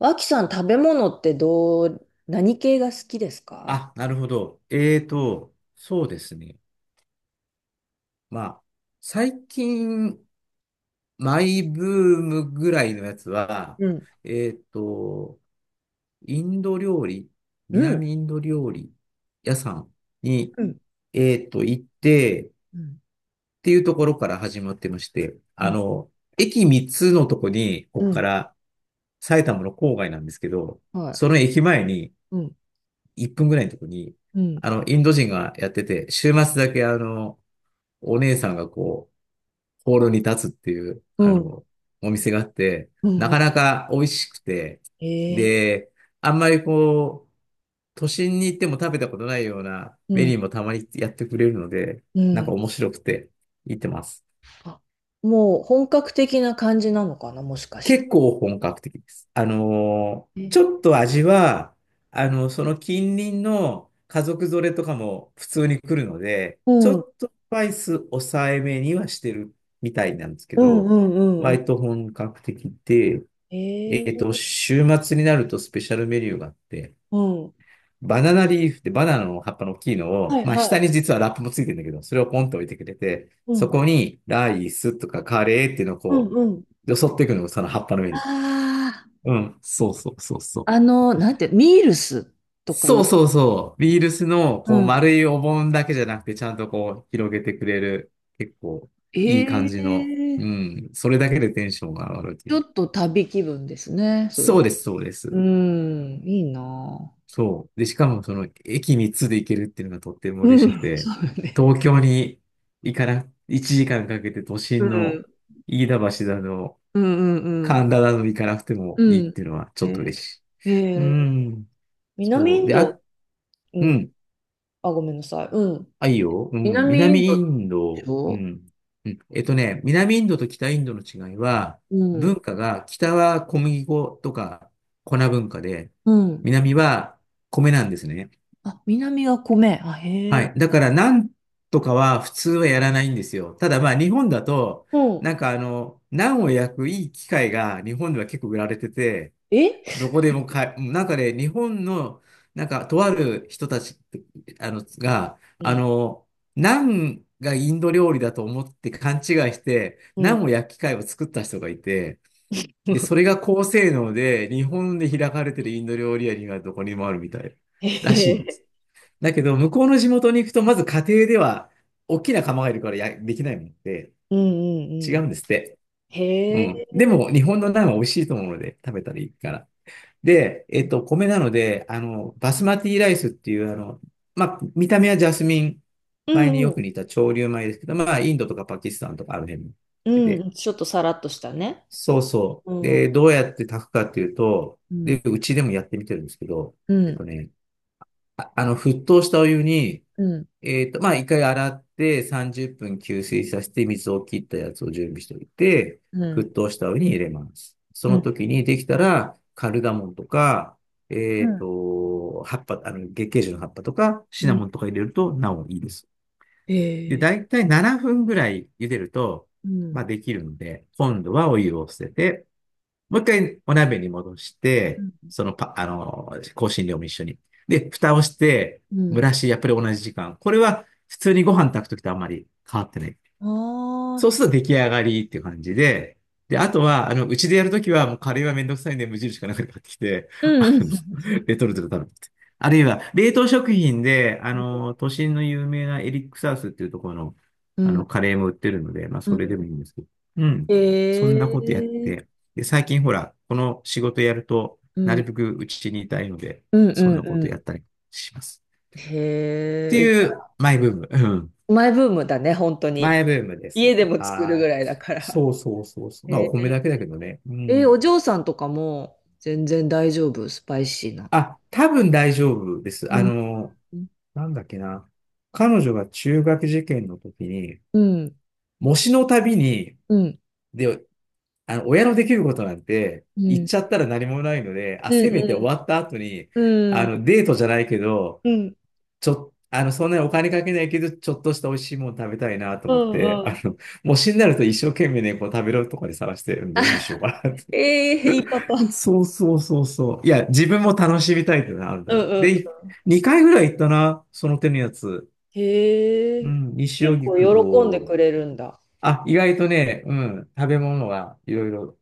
脇さん、食べ物ってどう、何系が好きですか？あ、なるほど。そうですね。まあ、最近、マイブームぐらいのやつは、うん、えーと、インド料理、うん、南インド料理屋さんに、うん、行って、っうん、ていうところから始まってまして、うん、駅3つのとこに、こうこかん、ら埼玉の郊外なんですけど、はその駅前に、い。うん、1分ぐらいのとこに、うん、インド人がやってて、週末だけお姉さんがこう、ホールに立つっていう、うん、お店があって、うなんうかなか美味しくて、んで、あんまりこう、都心に行っても食べたことないようなメー、ニューもたまにやってくれるので、うん、なんうかん。面白くて、行ってます。あ、もう本格的な感じなのかな、もしかして。結構本格的です。え、ちょっと味は、その近隣の家族連れとかも普通に来るので、うちん、うょん、っとスパイス抑えめにはしてるみたいなんですけうん、うど、んうん割と本格的で、えー、週末になるとスペシャルメニューがあって、うん。バナナリーフってバナナの葉っぱの大きいのはを、い、まあは下い。に実はラップもついてるんだけど、それをポンと置いてくれて、うそん、こにライスとかカレーっていうのをうん、こうん。う、よそっていくのがその葉っぱの上に。あうん、そうそうそうそう。あ、なんて、ミールスとかそうい、そうそう。ビールスの、こうう、ん。丸いお盆だけじゃなくて、ちゃんとこう、広げてくれる、結構、えいい感じの、うえ、ん、それだけでテンションが上がるとちいょう。っと旅気分ですね、そそうれ。です、そうでうす。ーん、いいなそう。で、しかも、その、駅3つで行けるっていうのがとってもぁ。嬉うしくん。そて、うよね。東京に行かな、1時間かんかけて都う心ん。の、飯田橋だの、うんうんうん。神田だの行かなくてうもいいっん。ていうのは、ちえょっと嬉しい。ー、うえー、ん。南そう。インで、ド、あ、ううん。ん。あ、ごめんなさい。うん。あ、いいよ。うん。南イ南ンドイでンしド、うょ？ん。うん。南インドと北インドの違いは、うん。文化が、北は小麦粉とか粉文化で、うん。南は米なんですね。あ、南は米。あ、へはい。だえ。から、なんとかは普通はやらないんですよ。ただ、まあ、日本だと、うん。なんかナンを焼くいい機械が日本では結構売られてて、え、どこでもかなんかね、日本の、なんか、とある人たち、が、うん。ナンがインド料理だと思って勘違いして、うナん。ンを焼き貝を作った人がいて、で、それ が高性能で、日本で開かれてるインド料理屋にはどこにもあるみたいへらしいんでえ。す。だけど、向こうの地元に行くと、まず家庭では、大きな釜がいるからや、できないもんで、うんうんう違うん。んですって。うへん。でえ。も、日本のナンは美味しいと思うので、食べたらいいから。で、米なので、バスマティライスっていう、まあ、見た目はジャスミンう米にんうよん。く似た潮流米ですけど、まあ、インドとかパキスタンとかある辺うで、ん。ちょっとさらっとしたね。そうそう。うん。で、どうやって炊くかっていうと、うで、ん。うちでもやってみてるんですけど、うえっとん。ね、沸騰したお湯に、うん。まあ、一回洗って30分吸水させて水を切ったやつを準備しておいて、う沸ん。騰したお湯に入れます。そうのん。時にできたら、カルダモンとか、うん。葉っぱ、月桂樹の葉っぱとか、シうナん、モンとか入れるとなおいいです。で、ええ、だいたい7分ぐらい茹でると、うまん。あ、できるので、今度はお湯を捨てて、もう一回お鍋に戻しうて、ん。そのパ、あの、香辛料も一緒に。で、蓋をして、う蒸ん。らし、やっぱり同じ時間。これは普通にご飯炊くときとあんまり変わってない。あそあ、うすると出来上がりっていう感じで、で、あとは、うちでやるときは、もうカレーはめんどくさいんで、無印かなんかで買ってきて、うん。あうんの、レトルトで食べて。あるいは、冷凍食品で、都心の有名なエリックサウスっていうところの、うん。カレーも売ってるので、まあ、うそれでん、もいいんですけど。うん。そんへなことやっえ。て。で、最近ほら、この仕事やると、うなるん。べくうちにいたいので、うんうそんなんことやっうたりします。ん。ってへえ。いう、マイブーム。うん、マイブームだね、本当に。前ブームで家す。でも作るぐはらいい。だから。そうそうそうそう。まあ、へお米だえ。けだけどね。うえ、ん。お嬢さんとかも全然大丈夫、スパイシーな。あ、多分大丈夫です。うん。うん。なんだっけな。彼女が中学受験の時に、うん。模試のたびに、うん。で、親のできることなんて、う言っん。ちゃったら何もないので、あ、うせめて終ん。わった後に、うん。デートじゃないけど、うん。ちょ、あの、そんなにお金かけないけど、ちょっとした美味しいもの食べたいなとう思って、ん。模試になると一生懸命ね、こう食べるとこで探して、あ、どうにしようかなって。ええ、いいパパ。そうそうそうそう。いや、自分も楽しみたいっていうのはあるんだうけど。ん、で、2回ぐらい行ったな、その手のやつ。へうえ。ん、西結荻構喜んで窪。くれるんだ。あ、意外とね、うん、食べ物がいろいろ。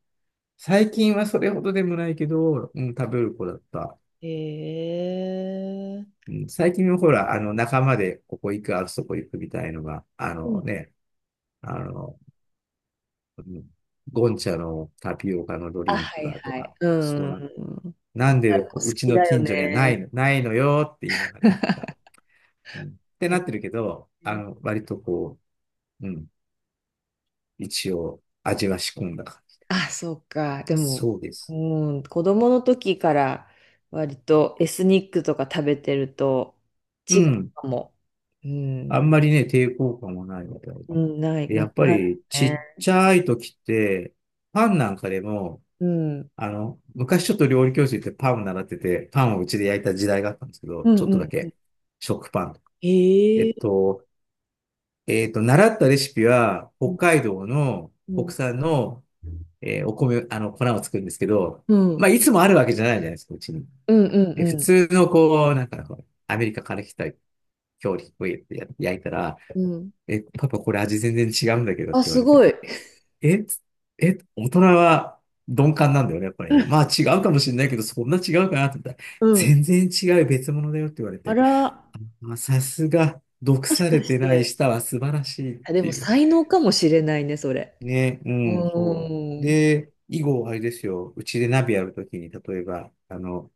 最近はそれほどでもないけど、うん、食べる子だった。へえ。うん、最近はほら、仲間でここ行く、あそこ行くみたいのが、あうん。のね、あの、うん、ゴンチャのタピオカのドリあ、ンはクいがとはい。か、うそうん。な、なん若でいこ子うう好ちきのだよ近所にはなね。いの、ないのよって言いながら。うんってなへってるけど、え。割とこう、うん、一応味は仕込んだ感じ。あ、そうか。でも、そうです。うん、子供の時から割とエスニックとか食べてるとう違うん。かも。うあんん、まりね、抵抗感もないみたいうな。ん、ない、でなやっくぱなるりちね。っちゃい時って、パンなんかでも、うん、昔ちょっと料理教室行ってパンを習ってて、パンをうちで焼いた時代があったんですけど、うちょっとだん、うん。け。食パン。えへっえ。と、習ったレシピは、う北ん、海道のう国ん、産のお米、粉を作るんですけど、うまあ、ん、いつもあるわけじゃないじゃないですか、うちに。うん、で、う普ん。通のこう、なんかこう、アメリカから来た料理をや焼いたら、うん、え、パパこれ味全然違うんだけどってあ、言わすれごて、い。え、つえ、大人は鈍感なんだよね、やっぱりね。まあ違うかもしれないけど、そんな違うかなって言ったら、うん。全然違う別物だよって言われあて、ら、まあ、さすが、毒もしさかれしてないて。舌は素晴らしいっあ、でてもいう。才能かもしれないね、それ。ね、ううん、そう。ーん。で、以後、あれですよ。うちで鍋やるときに、例えば、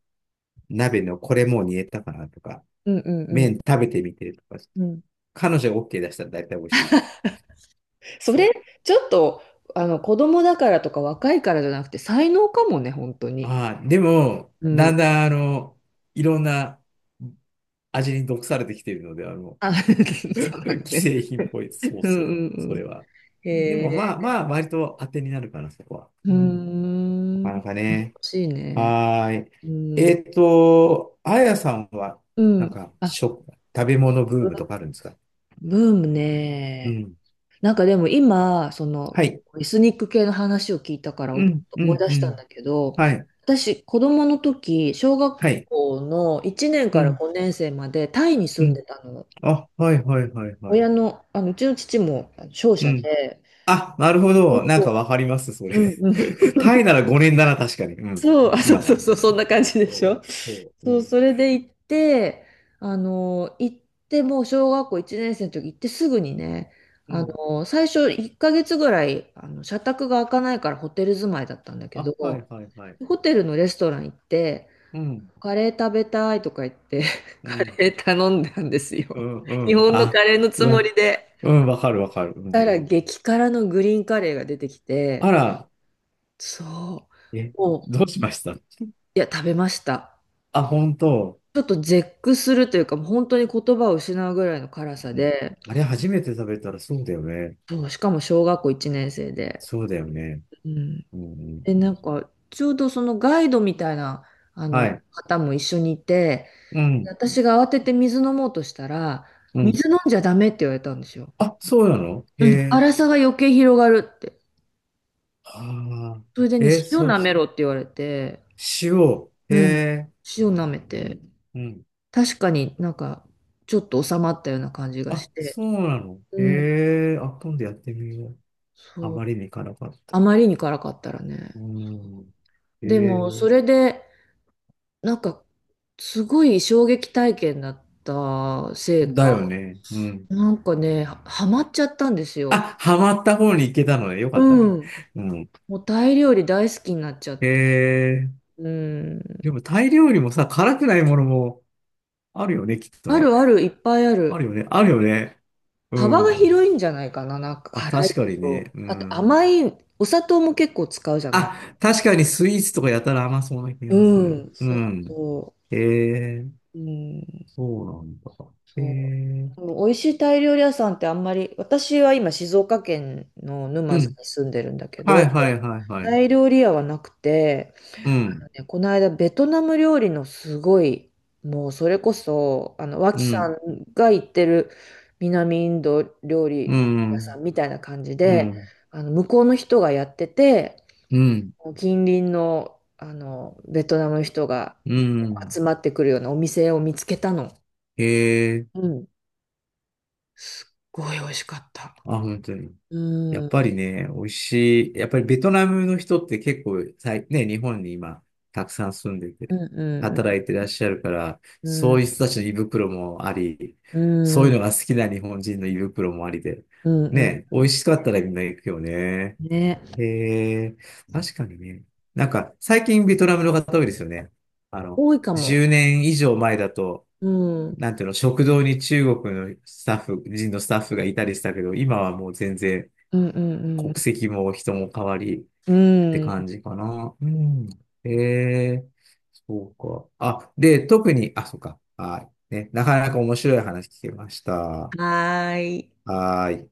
鍋のこれもう煮えたかなとか、うんうん麺食べてみてとか、うん。うん。彼女が OK 出したら大体美味しい。そそれ、う。ちょっと、子供だからとか若いからじゃなくて、才能かもね、本当に。ああ、でも、うだん。んだん、いろんな味に毒されてきているので、あ、そうだ 既ね。製品っぽい。そううんそう。うんそうれん。は。へでも、まあえ。まあ、割と当てになるかな、そこは。うーうん。なん。かなかね。欲しいね。はーい。うん。あやさんは、うなんん。か、あ、食べ物ブームとブかあるんですか？ブームうね。ん。なんかでも今、そはの、い。エスニック系の話を聞いたからうん、う思いん、出うしたんん。だけど、はい。私、子供の時、小学はい。校の1年うからん、5年生までタイにう住んでん。たの。あ、はい、はい、はい、はい。親の、うちの父も商う社ん。で、あ、なるほど。なんかわかります、それ。うんうん、 タイなら5年だな、確かに。うん。そう、あ、そ今うそうは。そう、そんな感じでしそょ。う、そう、うそう、ん。それで行って、あの、行っもう小学校1年生の時行ってすぐにね、うん。最初1ヶ月ぐらい、社宅が開かないからホテル住まいだったんだけあ、はど、い、はい、はい。ホテルのレストラン行って、うん、カレー食べたいとか言って、うカん、レー頼んだんですうよ。ん、日うん。本のあ、カレーのうつもわ、りで。うん、わかる、わかる。うしたらん。激辛のグリーンカレーが出てきあて、ら、そえ、う、もう、どうしました？いや、食べました。あ、本当。ちょっと絶句するというか、もう本当に言葉を失うぐらいの辛さうん、で、あれ初めて食べたらそうだよね。そう、しかも小学校1年生で。そうだよね。うん。うんうんで、うん、なんか、ちょうどそのガイドみたいな、はい。方も一緒にいて、うん。私が慌てて水飲もうとしたら、うん。水飲んじゃダメって言われたんですよ。あ、そうなの。へうん。え。辛さが余計広がるって。ああ。それでね、え、塩そう、舐めろって言われて、塩。へうん。え。塩舐めて、うん。確かになんか、ちょっと収まったような感じがしあ、て、そうなの。うん。へえ。あ、今度やってみよう。あそう、まりに行かなかった。あまりに辛かったらね。うん。へでも、そえ。れで、なんか、すごい衝撃体験だったせいだか、よね。うん。なんかね、ハマっちゃったんですよ。あ、ハマった方に行けたのね。よかったうね。ん。うん。もうタイ料理大好きになっちゃっへて。え。うん。でもタイ料理もさ、辛くないものも、あるよね、きっとあね。るある、いっぱいああるる。よね、あるよね。う幅がん。広いんじゃないかな、なんかあ、辛い確かにね。と。うあとん。甘い、お砂糖も結構使うじゃない。あ、確かにスイーツとかやたら甘そうな気うがする。ん、うそうん。そえー、う。うん。そうなんだ。えそう。ー、もう美味しいタイ料理屋さんってあんまり、私は今静岡県のう沼津ん。に住んでるんだけはど、いはいはいはタい。イ料理屋はなくて、うん。ね、この間ベトナム料理のすごい、もうそれこそ、う脇さん。んが行ってる南インド料う理屋さん。んみたいな感じうで、ん。向こうの人がやってて、うん。近隣の、ベトナムの人がうん。集まってくるようなお店を見つけたの。ええうん、すっごい美味しかった。ー、あ、本当に。うやん、っうぱん、りね、美味しい。やっぱりベトナムの人って結構、さいね、日本に今、たくさん住んでうて、ん、働いてらっしゃるから、うそん、ういう人たちの胃袋もあり、うそういん、うのが好きな日本人の胃袋もありで、うんうね、美味しかったらみんな行くよね。んね。へえ、確かにね。なんか、最近ベトナムの方多いですよね。あの、多いかも。10年以上前だと、うん、うん、なんていうの、食堂に中国のスタッフ、人のスタッフがいたりしたけど、今はもう全然、うん、国籍も人も変わりうってん。う感ん、じかな。うん。ええ、そうか。あ、で、特に、あ、そうか。はい。ね、なかなか面白い話聞けました。ははーい。ーい。